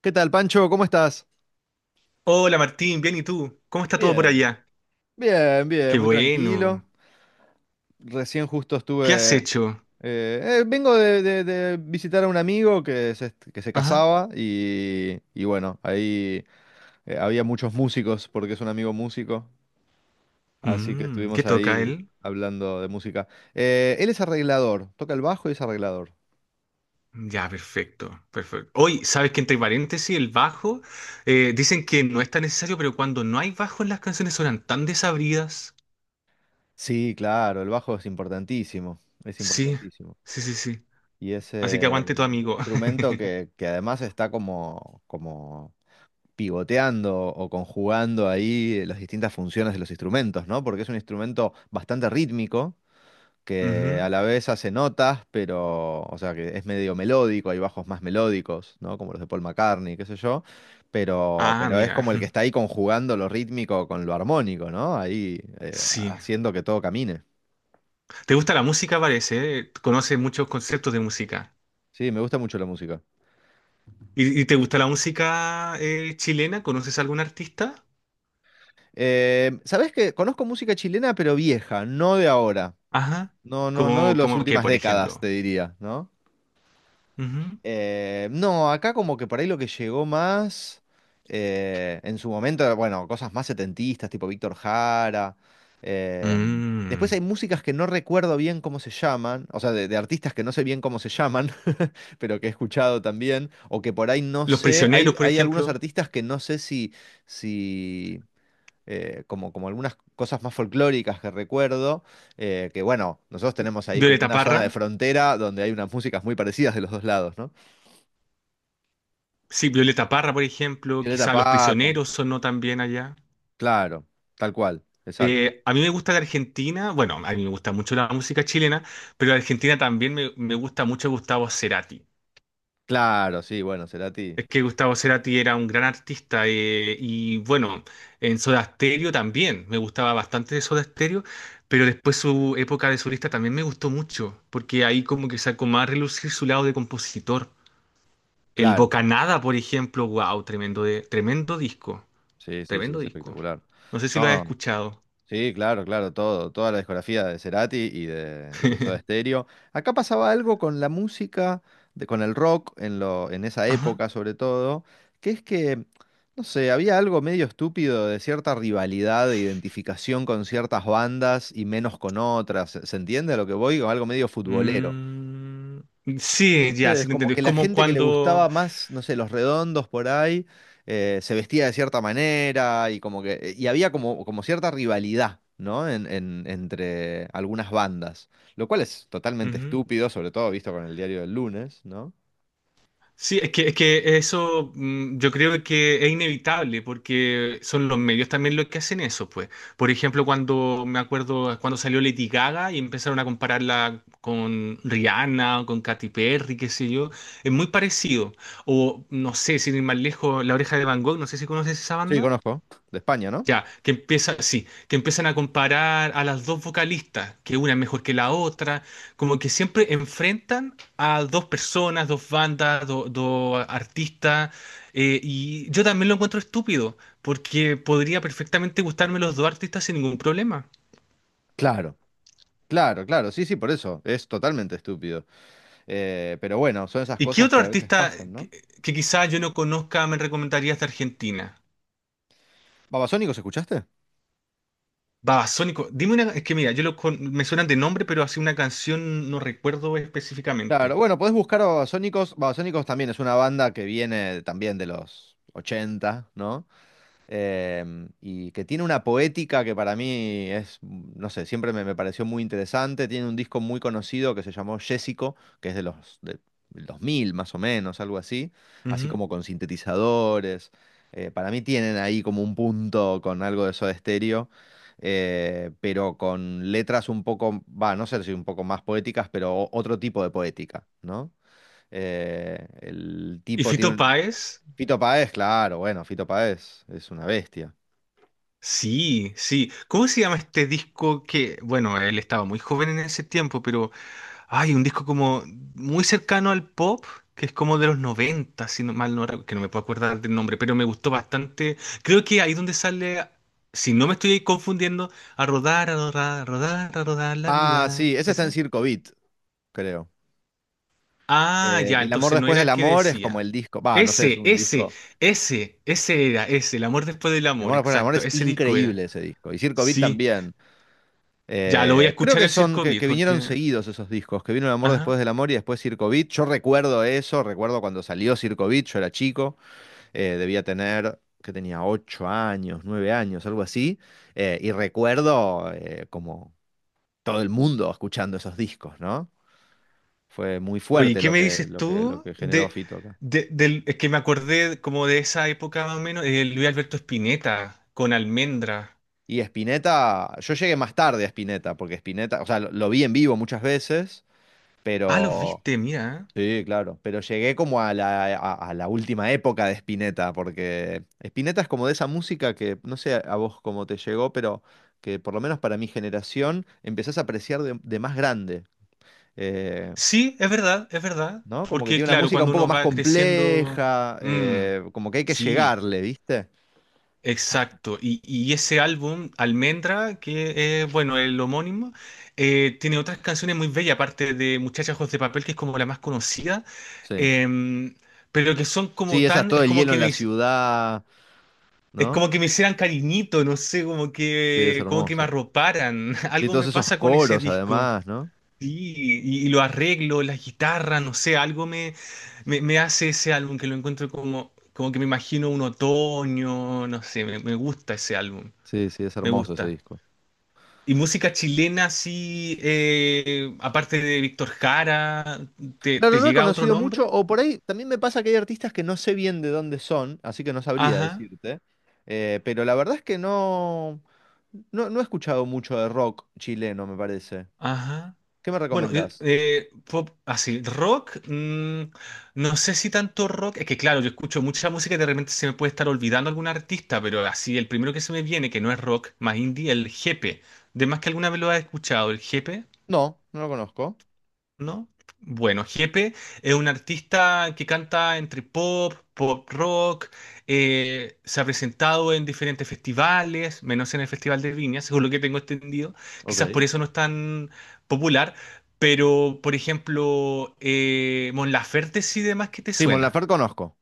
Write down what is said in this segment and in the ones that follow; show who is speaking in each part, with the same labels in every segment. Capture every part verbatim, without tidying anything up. Speaker 1: ¿Qué tal, Pancho? ¿Cómo estás?
Speaker 2: Hola Martín, bien, ¿y tú? ¿Cómo está todo por
Speaker 1: Bien,
Speaker 2: allá?
Speaker 1: bien, bien,
Speaker 2: Qué
Speaker 1: muy
Speaker 2: bueno.
Speaker 1: tranquilo. Recién justo
Speaker 2: ¿Qué has
Speaker 1: estuve... eh,
Speaker 2: hecho?
Speaker 1: eh, Vengo de, de- de visitar a un amigo que se, que se
Speaker 2: Ajá.
Speaker 1: casaba y, y bueno, ahí eh, había muchos músicos porque es un amigo músico, así que
Speaker 2: Mm, ¿qué
Speaker 1: estuvimos
Speaker 2: toca
Speaker 1: ahí
Speaker 2: él?
Speaker 1: hablando de música. Eh, él es arreglador, toca el bajo y es arreglador.
Speaker 2: Ya, perfecto, perfecto. Hoy, ¿sabes que entre paréntesis el bajo? Eh, dicen que no es tan necesario, pero cuando no hay bajo las canciones suenan tan desabridas.
Speaker 1: Sí, claro, el bajo es importantísimo, es
Speaker 2: Sí,
Speaker 1: importantísimo.
Speaker 2: sí, sí, sí.
Speaker 1: Y es,
Speaker 2: Así que
Speaker 1: eh, es
Speaker 2: aguante tu
Speaker 1: un
Speaker 2: amigo.
Speaker 1: instrumento que, que además está como, como pivoteando o conjugando ahí las distintas funciones de los instrumentos, ¿no? Porque es un instrumento bastante rítmico, que a
Speaker 2: Ujú.
Speaker 1: la vez hace notas, pero, o sea, que es medio melódico, hay bajos más melódicos, ¿no? Como los de Paul McCartney, qué sé yo, pero,
Speaker 2: Ah,
Speaker 1: pero es
Speaker 2: mira.
Speaker 1: como el que está ahí conjugando lo rítmico con lo armónico, ¿no? Ahí eh,
Speaker 2: Sí.
Speaker 1: haciendo que todo camine.
Speaker 2: ¿Te gusta la música, parece? ¿Eh? Conoces muchos conceptos de música.
Speaker 1: Sí, me gusta mucho la música.
Speaker 2: ¿Y, y te gusta la música eh, chilena? ¿Conoces algún artista?
Speaker 1: Eh, ¿sabés qué? Conozco música chilena, pero vieja, no de ahora.
Speaker 2: Ajá.
Speaker 1: No, no, no de
Speaker 2: Como,
Speaker 1: las
Speaker 2: como que,
Speaker 1: últimas
Speaker 2: por
Speaker 1: décadas, te
Speaker 2: ejemplo.
Speaker 1: diría, ¿no?
Speaker 2: Ujú.
Speaker 1: Eh, no, acá como que por ahí lo que llegó más eh, en su momento, bueno, cosas más setentistas, tipo Víctor Jara. Eh, después
Speaker 2: Mm.
Speaker 1: hay músicas que no recuerdo bien cómo se llaman, o sea, de, de artistas que no sé bien cómo se llaman, pero que he escuchado también, o que por ahí no
Speaker 2: Los
Speaker 1: sé. Hay,
Speaker 2: prisioneros, por
Speaker 1: hay algunos
Speaker 2: ejemplo.
Speaker 1: artistas que no sé si, si eh, como, como algunas cosas más folclóricas que recuerdo, eh, que bueno, nosotros tenemos ahí como
Speaker 2: Violeta
Speaker 1: una zona
Speaker 2: Parra.
Speaker 1: de frontera donde hay unas músicas muy parecidas de los dos lados, ¿no?
Speaker 2: Sí, Violeta Parra, por ejemplo.
Speaker 1: Violeta
Speaker 2: Quizá Los
Speaker 1: Parra,
Speaker 2: prisioneros sonó también allá.
Speaker 1: claro, tal cual, exacto.
Speaker 2: Eh, a mí me gusta de Argentina. Bueno, a mí me gusta mucho la música chilena, pero de Argentina también me, me gusta mucho Gustavo Cerati.
Speaker 1: Claro, sí, bueno, Cerati,
Speaker 2: Es que Gustavo Cerati era un gran artista eh, y bueno, en Soda Stereo también, me gustaba bastante de Soda Stereo, pero después su época de solista también me gustó mucho, porque ahí como que sacó más a relucir su lado de compositor. El
Speaker 1: claro,
Speaker 2: Bocanada, por ejemplo, wow, tremendo, de, tremendo disco,
Speaker 1: sí, sí, sí,
Speaker 2: tremendo
Speaker 1: es
Speaker 2: disco.
Speaker 1: espectacular.
Speaker 2: No sé si lo has
Speaker 1: No,
Speaker 2: escuchado.
Speaker 1: sí, claro, claro, todo, toda la discografía de Cerati y de, y de Soda Stereo. Acá pasaba algo con la música, de- con el rock, en lo, en esa
Speaker 2: Ajá.
Speaker 1: época sobre todo, que es que, no sé, había algo medio estúpido de cierta rivalidad, de identificación con ciertas bandas y menos con otras. ¿Se se entiende a lo que voy? Con algo medio futbolero.
Speaker 2: Mm, sí, ya, sí
Speaker 1: Entonces,
Speaker 2: te
Speaker 1: como
Speaker 2: entendí. Es
Speaker 1: que la
Speaker 2: como
Speaker 1: gente que le
Speaker 2: cuando…
Speaker 1: gustaba más, no sé, los redondos por ahí, eh, se vestía de cierta manera y como que, y había como, como cierta rivalidad, ¿no? En, en- entre algunas bandas, lo cual es totalmente
Speaker 2: Ujú.
Speaker 1: estúpido, sobre todo visto con el diario del lunes, ¿no?
Speaker 2: Sí, es que, es que eso mm, yo creo que es inevitable porque son los medios también los que hacen eso, pues. Por ejemplo, cuando me acuerdo cuando salió Lady Gaga y empezaron a compararla con Rihanna o con Katy Perry, qué sé yo, es muy parecido. O no sé, sin ir más lejos, La Oreja de Van Gogh, no sé si conoces esa
Speaker 1: Sí,
Speaker 2: banda.
Speaker 1: conozco, de España, ¿no?
Speaker 2: Ya, que empieza, sí, que empiezan a comparar a las dos vocalistas, que una es mejor que la otra, como que siempre enfrentan a dos personas, dos bandas, do- dos artistas, eh, y yo también lo encuentro estúpido, porque podría perfectamente gustarme los dos artistas sin ningún problema.
Speaker 1: Claro, claro, claro, sí, sí, por eso, es totalmente estúpido. Eh, pero bueno, son esas
Speaker 2: ¿Y qué
Speaker 1: cosas
Speaker 2: otro
Speaker 1: que a veces
Speaker 2: artista
Speaker 1: pasan, ¿no?
Speaker 2: que, que quizás yo no conozca me recomendarías de Argentina?
Speaker 1: ¿Babasónicos escuchaste?
Speaker 2: Babasónico, dime una, es que mira, yo lo con- me suenan de nombre, pero así una canción no recuerdo
Speaker 1: Claro,
Speaker 2: específicamente.
Speaker 1: bueno, podés buscar a Babasónicos. Babasónicos también es una banda que viene también de los ochenta, ¿no? eh, y que tiene una poética que para mí es, mm, no sé, siempre me, me pareció muy interesante. Tiene un disco muy conocido que se llamó Jessico, que es de los de, del dos mil más o menos, algo así, así
Speaker 2: Ujú.
Speaker 1: como con sintetizadores. Eh, para mí tienen ahí como un punto con algo de Soda Stereo. Eh, pero con letras un poco, va, no sé si un poco más poéticas, pero o- otro tipo de poética, ¿no? Eh, el
Speaker 2: ¿Y
Speaker 1: tipo tiene
Speaker 2: Fito
Speaker 1: un...
Speaker 2: Páez?
Speaker 1: Fito Páez, claro, bueno, Fito Páez es una bestia.
Speaker 2: Sí, sí. ¿Cómo se llama este disco que, bueno, él estaba muy joven en ese tiempo, pero hay un disco como muy cercano al pop, que es como de los noventa, si no mal no recuerdo, que no me puedo acordar del nombre, pero me gustó bastante. Creo que ahí donde sale, si no me estoy confundiendo, a rodar, a rodar, a rodar, a rodar la
Speaker 1: Ah,
Speaker 2: vida.
Speaker 1: sí, ese está en
Speaker 2: ¿Ese?
Speaker 1: Circo Beat, creo.
Speaker 2: Ah,
Speaker 1: Eh,
Speaker 2: ya,
Speaker 1: El amor
Speaker 2: entonces no
Speaker 1: después
Speaker 2: era
Speaker 1: del
Speaker 2: el que
Speaker 1: amor es como
Speaker 2: decía.
Speaker 1: el disco. Va, no sé, es
Speaker 2: Ese,
Speaker 1: un
Speaker 2: ese,
Speaker 1: disco.
Speaker 2: ese, ese era, ese, El amor después del
Speaker 1: El
Speaker 2: amor,
Speaker 1: amor después del amor
Speaker 2: exacto,
Speaker 1: es
Speaker 2: ese disco era.
Speaker 1: increíble ese disco. Y Circo Beat
Speaker 2: Sí.
Speaker 1: también.
Speaker 2: Ya lo voy a
Speaker 1: Eh, creo
Speaker 2: escuchar
Speaker 1: que
Speaker 2: el
Speaker 1: son,
Speaker 2: Circo
Speaker 1: que,
Speaker 2: Beat
Speaker 1: que vinieron
Speaker 2: porque.
Speaker 1: seguidos esos discos, que vino El amor
Speaker 2: Ajá.
Speaker 1: después del amor y después Circo Beat. Yo recuerdo eso, recuerdo cuando salió Circo Beat, yo era chico, eh, debía tener, que tenía ocho años, nueve años, algo así. Eh, y recuerdo eh, como todo el mundo escuchando esos discos, ¿no? Fue muy
Speaker 2: Oye,
Speaker 1: fuerte
Speaker 2: ¿qué
Speaker 1: lo
Speaker 2: me
Speaker 1: que,
Speaker 2: dices
Speaker 1: lo que, lo
Speaker 2: tú
Speaker 1: que generó
Speaker 2: de,
Speaker 1: Fito acá.
Speaker 2: de- del. Es que me acordé como de esa época más o menos, de Luis Alberto Spinetta con Almendra.
Speaker 1: Y Spinetta, yo llegué más tarde a Spinetta, porque Spinetta, o sea, lo, lo vi en vivo muchas veces,
Speaker 2: Ah, los
Speaker 1: pero
Speaker 2: viste, mira.
Speaker 1: sí, claro, pero llegué como a la, a, a la última época de Spinetta, porque Spinetta es como de esa música que, no sé a vos cómo te llegó, pero que por lo menos para mi generación empezás a apreciar de, de más grande. eh,
Speaker 2: Sí, es verdad, es verdad.
Speaker 1: ¿No? Como que
Speaker 2: Porque
Speaker 1: tiene una
Speaker 2: claro,
Speaker 1: música un
Speaker 2: cuando
Speaker 1: poco
Speaker 2: uno
Speaker 1: más
Speaker 2: va creciendo.
Speaker 1: compleja,
Speaker 2: Mm,
Speaker 1: eh, como que hay que
Speaker 2: sí,
Speaker 1: llegarle, ¿viste?
Speaker 2: exacto. Y, y ese álbum, Almendra, que es, bueno, el homónimo, eh, tiene otras canciones muy bellas, aparte de Muchachos de Papel, que es como la más conocida.
Speaker 1: Sí.
Speaker 2: Em, pero que son como
Speaker 1: Sí, esas,
Speaker 2: tan,
Speaker 1: todo
Speaker 2: es
Speaker 1: el
Speaker 2: como
Speaker 1: hielo
Speaker 2: que
Speaker 1: en
Speaker 2: me,
Speaker 1: la
Speaker 2: es
Speaker 1: ciudad, ¿no?
Speaker 2: como que me hicieran cariñito, no sé, como
Speaker 1: Sí, es
Speaker 2: que, como que me
Speaker 1: hermoso.
Speaker 2: arroparan.
Speaker 1: Y
Speaker 2: Algo
Speaker 1: todos
Speaker 2: me
Speaker 1: esos
Speaker 2: pasa con ese
Speaker 1: coros
Speaker 2: disco.
Speaker 1: además, ¿no?
Speaker 2: Sí, y, y lo arreglo, las guitarras, no sé, algo me, me, me hace ese álbum que lo encuentro como, como que me imagino un otoño, no sé, me, me gusta ese álbum,
Speaker 1: Sí, sí, es
Speaker 2: me
Speaker 1: hermoso ese
Speaker 2: gusta.
Speaker 1: disco.
Speaker 2: Y música chilena, sí, eh, aparte de Víctor Jara, ¿te,
Speaker 1: Claro,
Speaker 2: te
Speaker 1: no he
Speaker 2: llega otro
Speaker 1: conocido mucho,
Speaker 2: nombre?
Speaker 1: o por ahí también me pasa que hay artistas que no sé bien de dónde son, así que no sabría
Speaker 2: Ajá,
Speaker 1: decirte. Eh, pero la verdad es que no, no, no he escuchado mucho de rock chileno, me parece.
Speaker 2: ajá.
Speaker 1: ¿Qué me
Speaker 2: Bueno, yo,
Speaker 1: recomendás?
Speaker 2: eh, pop así, rock, mm, no sé si tanto rock, es que claro, yo escucho mucha música y de repente se me puede estar olvidando algún artista, pero así, el primero que se me viene, que no es rock, más indie, el Jepe. De más que alguna vez lo has escuchado, el Jepe.
Speaker 1: No, no lo conozco.
Speaker 2: ¿No? Bueno, Jepe es un artista que canta entre pop, pop rock, eh, se ha presentado en diferentes festivales, menos en el Festival de Viña, según lo que tengo entendido. Quizás por
Speaker 1: Ok.
Speaker 2: eso no es tan popular, pero por ejemplo, eh, Mon Laferte sí demás que te
Speaker 1: Sí, Mon
Speaker 2: suena.
Speaker 1: Laferte conozco.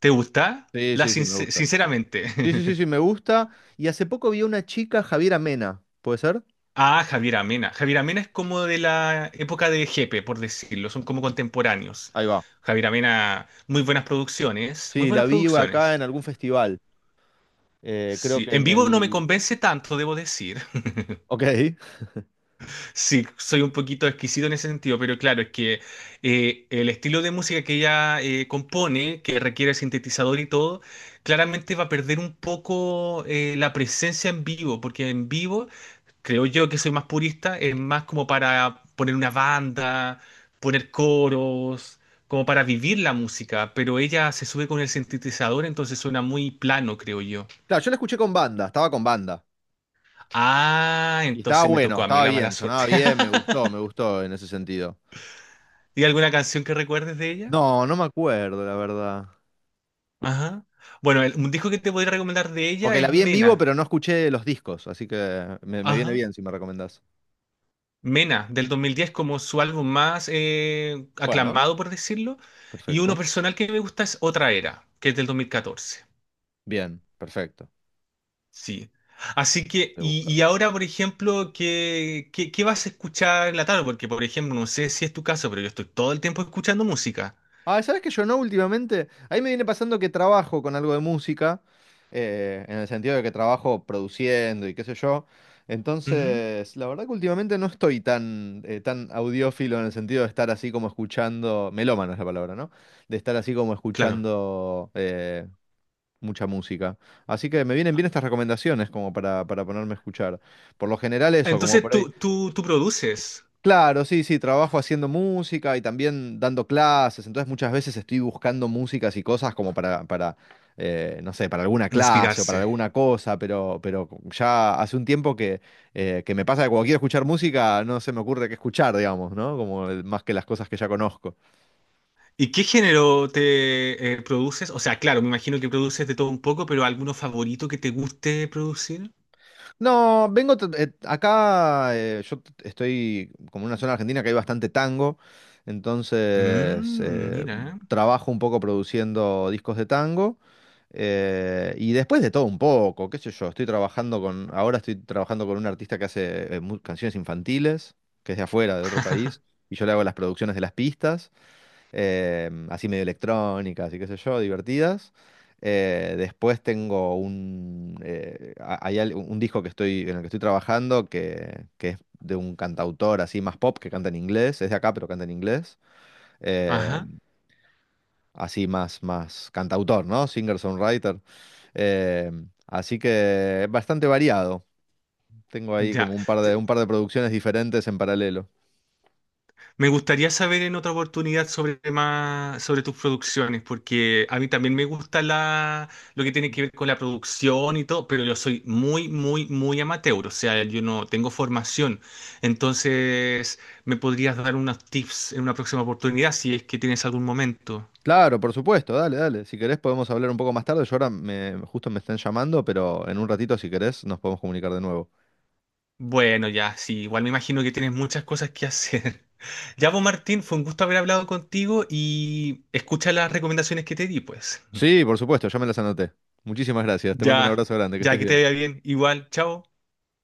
Speaker 2: ¿Te gusta?
Speaker 1: Sí,
Speaker 2: La
Speaker 1: sí, sí, me
Speaker 2: sincer-
Speaker 1: gusta.
Speaker 2: sinceramente.
Speaker 1: Sí, sí, sí, sí, me gusta. Y hace poco vi a una chica, Javiera Mena, ¿puede ser?
Speaker 2: Ah, Javier Amena. Javier Amena es como de la época de Jepe, por decirlo, son como contemporáneos.
Speaker 1: Ahí va.
Speaker 2: Javier Amena, muy buenas producciones, muy
Speaker 1: Sí, la
Speaker 2: buenas
Speaker 1: vi acá
Speaker 2: producciones.
Speaker 1: en algún festival. Eh, creo
Speaker 2: Sí,
Speaker 1: que
Speaker 2: en
Speaker 1: en
Speaker 2: vivo no me
Speaker 1: el.
Speaker 2: convence tanto, debo decir.
Speaker 1: Ok.
Speaker 2: Sí, soy un poquito exquisito en ese sentido, pero claro, es que eh, el estilo de música que ella eh, compone, que requiere sintetizador y todo, claramente va a perder un poco eh, la presencia en vivo, porque en vivo creo yo que soy más purista, es más como para poner una banda, poner coros, como para vivir la música, pero ella se sube con el sintetizador, entonces suena muy plano, creo yo.
Speaker 1: Claro, yo la escuché con banda, estaba con banda.
Speaker 2: Ah,
Speaker 1: Y estaba
Speaker 2: entonces me
Speaker 1: bueno,
Speaker 2: tocó a mí
Speaker 1: estaba
Speaker 2: la mala
Speaker 1: bien,
Speaker 2: suerte.
Speaker 1: sonaba bien, me gustó, me gustó en ese sentido.
Speaker 2: ¿Y alguna canción que recuerdes de ella?
Speaker 1: No, no me acuerdo, la verdad.
Speaker 2: Ajá. Bueno, el- un disco que te podría recomendar de ella
Speaker 1: Porque la
Speaker 2: es
Speaker 1: vi en vivo,
Speaker 2: Mena.
Speaker 1: pero no escuché los discos, así que me, me viene
Speaker 2: Ajá.
Speaker 1: bien si me recomendás.
Speaker 2: Mena, del dos mil diez como su álbum más eh,
Speaker 1: Bueno,
Speaker 2: aclamado, por decirlo. Y uno
Speaker 1: perfecto.
Speaker 2: personal que me gusta es Otra Era, que es del dos mil catorce.
Speaker 1: Bien, perfecto.
Speaker 2: Sí. Así que,
Speaker 1: Voy a
Speaker 2: y,
Speaker 1: buscar.
Speaker 2: y ahora, por ejemplo, ¿qué, qué, qué vas a escuchar en la tarde? Porque, por ejemplo, no sé si es tu caso, pero yo estoy todo el tiempo escuchando música.
Speaker 1: Ah, ¿sabes que yo no últimamente? Ahí me viene pasando que trabajo con algo de música, eh, en el sentido de que trabajo produciendo y qué sé yo.
Speaker 2: Ujú,
Speaker 1: Entonces, la verdad que últimamente no estoy tan, eh, tan audiófilo en el sentido de estar así como escuchando, melómano es la palabra, ¿no? De estar así como
Speaker 2: claro.
Speaker 1: escuchando eh, mucha música. Así que me vienen
Speaker 2: Ah,
Speaker 1: bien estas recomendaciones como para, para ponerme a escuchar. Por lo general eso, como
Speaker 2: entonces,
Speaker 1: por ahí.
Speaker 2: tú, tú, tú produces
Speaker 1: Claro, sí, sí, trabajo haciendo música y también dando clases, entonces muchas veces estoy buscando músicas y cosas como para, para eh, no sé, para alguna clase o para
Speaker 2: inspirarse.
Speaker 1: alguna cosa, pero, pero ya hace un tiempo que, eh, que me pasa que cuando quiero escuchar música no se me ocurre qué escuchar, digamos, ¿no? Como el- más que las cosas que ya conozco.
Speaker 2: ¿Y qué género te eh, produces? O sea, claro, me imagino que produces de todo un poco, pero ¿alguno favorito que te guste producir?
Speaker 1: No, vengo t- eh, acá, eh, yo t- estoy como en una zona argentina que hay bastante tango, entonces
Speaker 2: Mm,
Speaker 1: eh,
Speaker 2: mira.
Speaker 1: trabajo un poco produciendo discos de tango eh, y después de todo un poco, qué sé yo, estoy trabajando con, ahora estoy trabajando con un artista que hace eh, mu- canciones infantiles, que es de afuera, de otro país, y yo le hago las producciones de las pistas eh, así medio electrónicas y qué sé yo, divertidas. Eh, después tengo un, eh, a- hay al- un disco que estoy, en el que estoy trabajando que, que es de un cantautor así más pop que canta en inglés, es de acá pero canta en inglés, eh,
Speaker 2: Ajá.
Speaker 1: así más, más cantautor, ¿no? Singer-songwriter. Eh, así que es bastante variado. Tengo ahí
Speaker 2: Ya.
Speaker 1: como un par de, un par de producciones diferentes en paralelo.
Speaker 2: Me gustaría saber en otra oportunidad sobre más, sobre tus producciones, porque a mí también me gusta la, lo que tiene que ver con la producción y todo, pero yo soy muy, muy, muy amateur, o sea, yo no tengo formación. Entonces, ¿me podrías dar unos tips en una próxima oportunidad si es que tienes algún momento?
Speaker 1: Claro, por supuesto, dale, dale. Si querés podemos hablar un poco más tarde. Yo ahora me, justo me están llamando, pero en un ratito, si querés, nos podemos comunicar de nuevo.
Speaker 2: Bueno, ya, sí, igual me imagino que tienes muchas cosas que hacer. Ya, vos, Martín, fue un gusto haber hablado contigo y escucha las recomendaciones que te di, pues.
Speaker 1: Sí, por supuesto, ya me las anoté. Muchísimas gracias. Te mando un
Speaker 2: Ya,
Speaker 1: abrazo grande, que
Speaker 2: ya
Speaker 1: estés
Speaker 2: que te
Speaker 1: bien.
Speaker 2: vea bien. Igual, chao.